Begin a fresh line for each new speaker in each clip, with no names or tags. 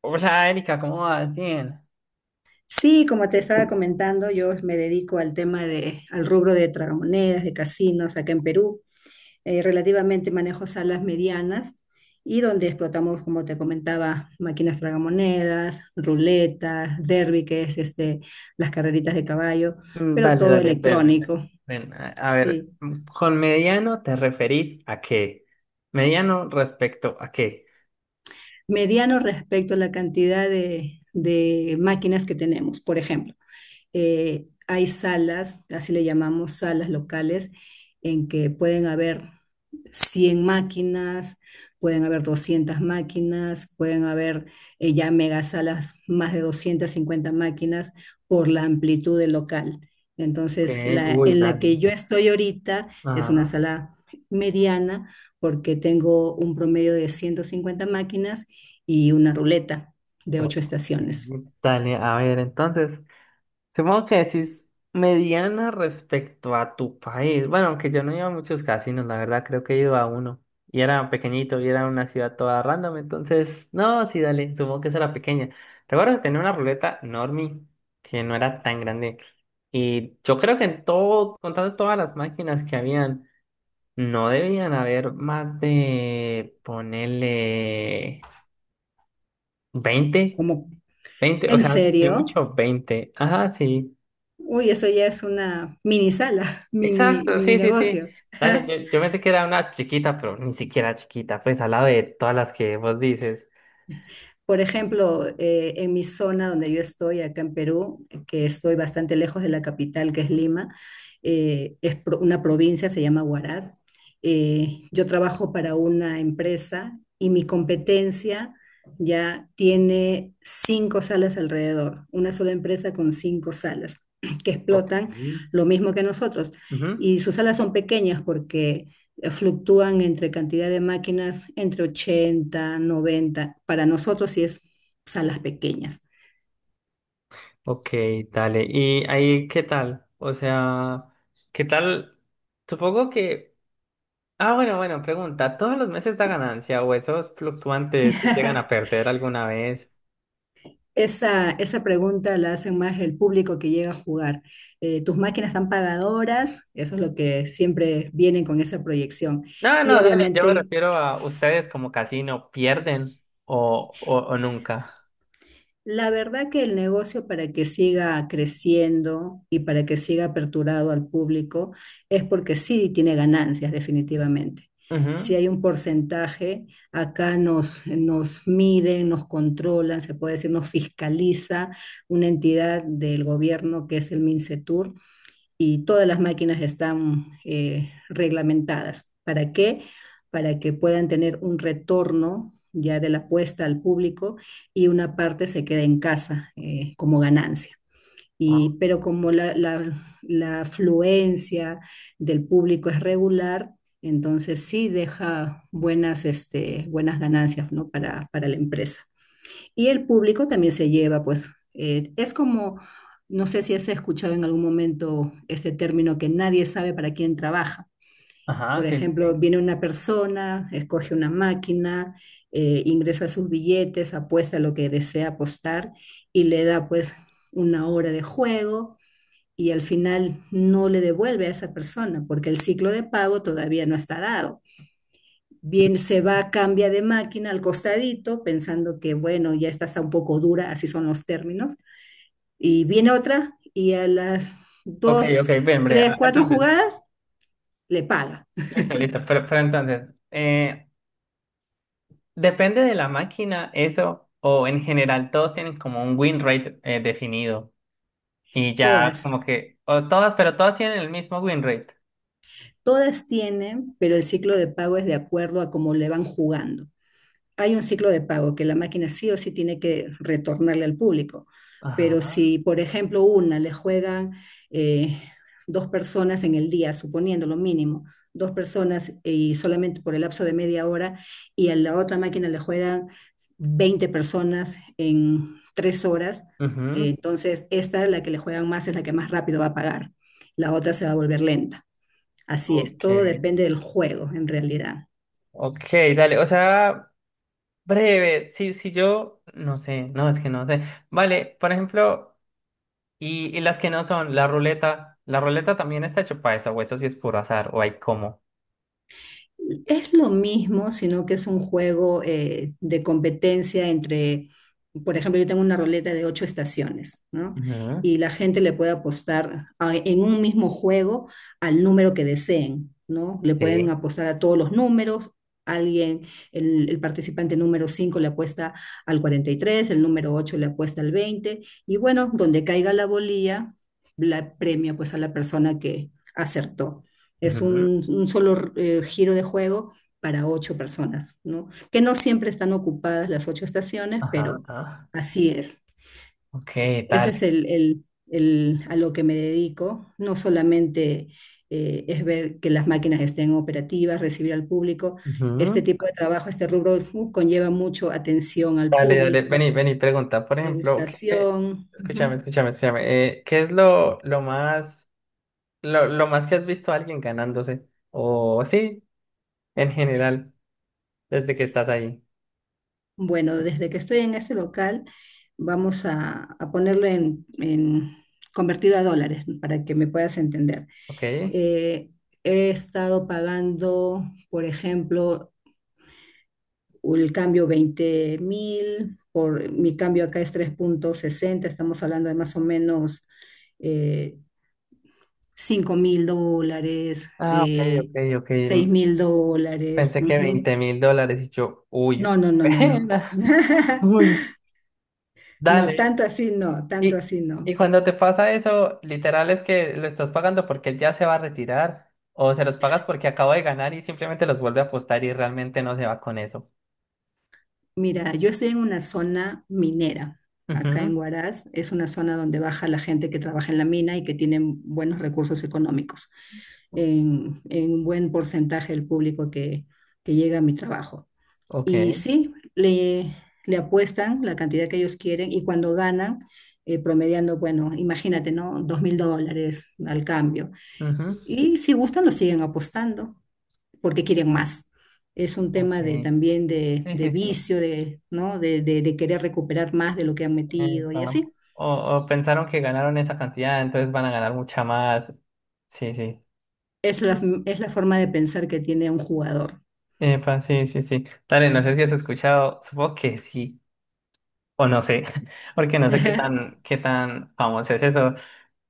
Hola Erika, ¿cómo vas? Bien.
Sí, como te estaba comentando, yo me dedico al rubro de tragamonedas, de casinos acá en Perú. Relativamente manejo salas medianas y donde explotamos, como te comentaba, máquinas tragamonedas, ruletas, derby, que es este, las carreritas de caballo,
Mm.
pero
Dale,
todo
dale, ven, ven, ven.
electrónico.
Ven, a ver,
Sí.
¿con mediano te referís a qué? ¿Mediano respecto a qué?
Mediano respecto a la cantidad de máquinas que tenemos, por ejemplo. Hay salas, así le llamamos salas locales, en que pueden haber 100 máquinas, pueden haber 200 máquinas, pueden haber ya megasalas, más de 250 máquinas por la amplitud del local.
Ok.
Entonces,
Uy,
en la que
dale.
yo estoy ahorita es una
Ajá.
sala mediana porque tengo un promedio de 150 máquinas y una ruleta de ocho
Ok.
estaciones.
Dale, a ver, entonces. Supongo que decís mediana respecto a tu país. Bueno, aunque yo no iba a muchos casinos, la verdad, creo que he ido a uno. Y era pequeñito, y era una ciudad toda random, entonces, no, sí, dale, supongo que esa era pequeña. Recuerdo que tenía una ruleta normie, que no era tan grande. Y yo creo que en todo, contando todas las máquinas que habían, no debían haber más de, ponerle 20,
Como,
20, o
¿en
sea, ni
serio?
mucho 20. Ajá, sí.
Uy, eso ya es una mini sala, mini,
Exacto,
mini
sí, sí, sí.
negocio.
Dale, yo pensé que era una chiquita, pero ni siquiera chiquita, pues al lado de todas las que vos dices.
Por ejemplo, en mi zona donde yo estoy, acá en Perú, que estoy bastante lejos de la capital, que es Lima. Es una provincia, se llama Huaraz. Yo trabajo para una empresa y mi competencia ya tiene cinco salas alrededor, una sola empresa con cinco salas que
Ok.
explotan lo mismo que nosotros.
Ujú.
Y sus salas son pequeñas porque fluctúan entre cantidad de máquinas entre 80, 90. Para nosotros sí es salas pequeñas.
Ok, dale. ¿Y ahí qué tal? O sea, ¿qué tal? Supongo que... Ah, bueno, bueno, pregunta. ¿Todos los meses da ganancia o esos fluctuantes si llegan a perder alguna vez?
Esa pregunta la hacen más el público que llega a jugar. ¿Tus máquinas están pagadoras? Eso es lo que siempre vienen con esa proyección.
No,
Y,
no, dale, yo me
obviamente,
refiero a ustedes como casino, ¿pierden o nunca?
la verdad que el negocio para que siga creciendo y para que siga aperturado al público es porque sí tiene ganancias definitivamente. Si
Ujú.
hay un porcentaje, acá nos miden, nos controlan, se puede decir, nos fiscaliza una entidad del gobierno que es el MINCETUR y todas las máquinas están reglamentadas. ¿Para qué? Para que puedan tener un retorno ya de la apuesta al público y una parte se queda en casa como ganancia.
Ah,
Pero como la afluencia del público es regular, entonces sí deja buenas ganancias, ¿no? para la empresa. Y el público también se lleva, pues, es como, no sé si has escuchado en algún momento este término que nadie sabe para quién trabaja.
ajá,
Por
sí, sí,
ejemplo, viene una persona, escoge una máquina, ingresa sus billetes, apuesta lo que desea apostar y le da pues una hora de juego y al final no le devuelve a esa persona porque el ciclo de pago todavía no está dado.
sí.
Bien, se va, cambia de máquina al costadito, pensando que, bueno, ya esta está un poco dura, así son los términos. Y viene otra y a las
Ok, ok,
dos,
bien, hombre.
tres, cuatro
Entonces,
jugadas le paga.
listo, listo. Pero entonces, depende de la máquina eso, o en general todos tienen como un win rate definido. Y ya
Todas.
como que, o todas, pero todas tienen el mismo win rate.
Todas tienen, pero el ciclo de pago es de acuerdo a cómo le van jugando. Hay un ciclo de pago que la máquina sí o sí tiene que retornarle al público. Pero
Ajá.
si, por ejemplo, una le juegan eh, dos personas en el día, suponiendo lo mínimo, dos personas y solamente por el lapso de media hora, y a la otra máquina le juegan 20 personas en 3 horas,
Ujú.
entonces esta, la que le juegan más, es la que más rápido va a pagar. La otra se va a volver lenta. Así es,
Ok.
todo depende del juego en realidad.
Ok, dale. O sea, breve. Si yo, no sé, no, es que no sé. Vale, por ejemplo, y las que no son, la ruleta también está hecha para eso, o eso sí es puro azar, o hay como.
Es lo mismo, sino que es un juego de competencia entre, por ejemplo, yo tengo una roleta de ocho estaciones, ¿no?
Ujú.
Y la gente le puede apostar en un mismo juego al número que deseen, ¿no? Le pueden
Sí.
apostar a todos los números. Alguien, el participante número 5 le apuesta al 43, el número 8 le apuesta al 20, y bueno, donde caiga la bolilla, la premia pues a la persona que acertó. Es
Ujú,
un solo giro de juego para ocho personas, ¿no? Que no siempre están ocupadas las ocho estaciones,
ajá,
pero
ajá.
así es.
Ok,
Ese es
dale.
a lo que me dedico. No solamente es ver que las máquinas estén operativas, recibir al público. Este
Ujú.
tipo de trabajo, este rubro, conlleva mucho atención al
Dale, dale.
público,
Vení, vení, pregunta. Por ejemplo, ¿qué...
degustación.
Escúchame,
Ujú.
escúchame, escúchame. ¿Qué es lo más que has visto a alguien ganándose? O sí, en general, desde que estás ahí.
Bueno, desde que estoy en este local, vamos a ponerlo en convertido a dólares para que me puedas entender.
Ok.
Eh, He estado pagando, por ejemplo, el cambio 20.000, por mi cambio acá es 3,60. Estamos hablando de más o menos eh, 5 mil dólares,
Ah, ok, ok, ok.
6 mil dólares.
Pensé que
Ujú.
$20.000 y yo, uy,
No, no, no, no, no.
pena. Uy,
No,
dale.
tanto así no, tanto
Y,
así
y
no.
cuando te pasa eso, literal es que lo estás pagando porque él ya se va a retirar, o se los pagas porque acabo de ganar y simplemente los vuelve a apostar y realmente no se va con eso.
Mira, yo estoy en una zona minera, acá
Ujú.
en Huaraz. Es una zona donde baja la gente que trabaja en la mina y que tienen buenos recursos económicos, en un buen porcentaje del público que llega a mi trabajo.
Ok.
Y sí, le apuestan la cantidad que ellos quieren y cuando ganan, promediando, bueno, imagínate, ¿no? $2.000 al cambio.
Ujú,
Y si gustan, lo siguen apostando porque quieren más. Es un tema de,
ok.
también de,
Sí,
de
sí, sí.
vicio, ¿no? De querer recuperar más de lo que han metido y
Epa.
así.
O pensaron que ganaron esa cantidad, entonces van a ganar mucha más. Sí, sí.
Es la, es la forma de pensar que tiene un jugador.
Epa, sí, sí, sí. Dale, no sé si has escuchado, supongo que sí, o no sé, porque no sé qué tan, qué tan famoso es eso.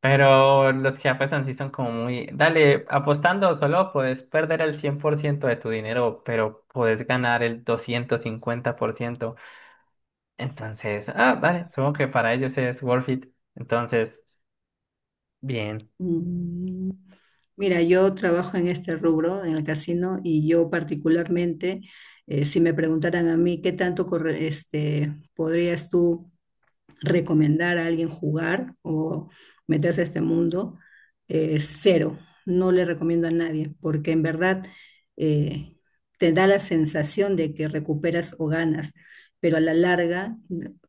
Pero los que apuestan sí son como muy... Dale, apostando solo puedes perder el 100% de tu dinero, pero puedes ganar el 250%. Entonces, dale, supongo que para ellos es worth it. Entonces, bien.
Mm, Mira, yo trabajo en este rubro, en el casino, y yo particularmente, si me preguntaran a mí qué tanto este, podrías tú recomendar a alguien jugar o meterse a este mundo, cero. No le recomiendo a nadie, porque en verdad eh, te da la sensación de que recuperas o ganas, pero a la larga,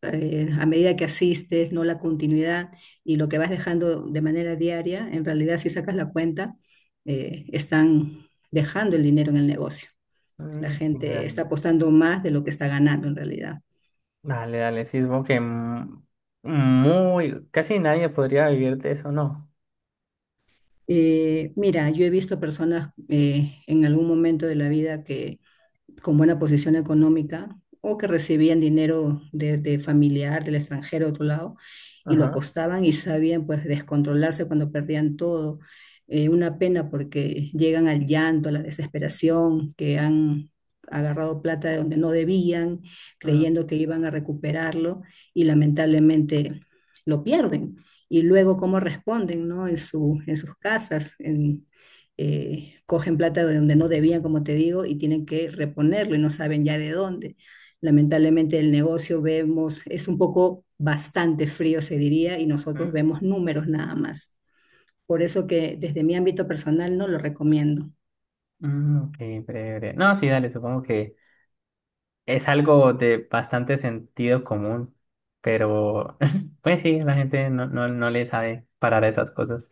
a medida que asistes, no la continuidad y lo que vas dejando de manera diaria, en realidad si sacas la cuenta, están dejando el dinero en el negocio. La
Sí,
gente está
dale,
apostando más de lo que está ganando en realidad.
dale, dale, sí, supongo que muy... Casi nadie podría vivir de eso, ¿no?
Mira, yo he visto personas en algún momento de la vida que con buena posición económica o que recibían dinero de familiar, del extranjero, de otro lado, y lo
Ajá.
apostaban y sabían pues descontrolarse cuando perdían todo. Una pena porque llegan al llanto, a la desesperación, que han agarrado plata de donde no debían,
Mm,
creyendo que iban a recuperarlo y lamentablemente lo pierden. Y luego cómo responden, ¿no? En sus casas, cogen plata de donde no debían, como te digo, y tienen que reponerlo y no saben ya de dónde. Lamentablemente el negocio vemos, es un poco bastante frío, se diría, y nosotros
mm,
vemos números nada más. Por eso que desde mi ámbito personal no lo recomiendo.
mm, ok, breve, breve. No, sí, dale, supongo que... Es algo de bastante sentido común, pero pues sí, la gente no, no, no le sabe parar a esas cosas.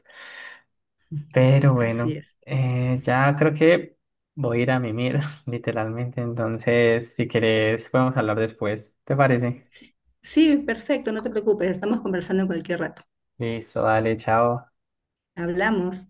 Pero
Así
bueno,
es.
ya creo que voy a ir a mimir, literalmente. Entonces, si quieres, podemos hablar después. ¿Te parece?
Sí, sí, perfecto, no te preocupes, estamos conversando en cualquier rato.
Listo, dale, chao.
Hablamos.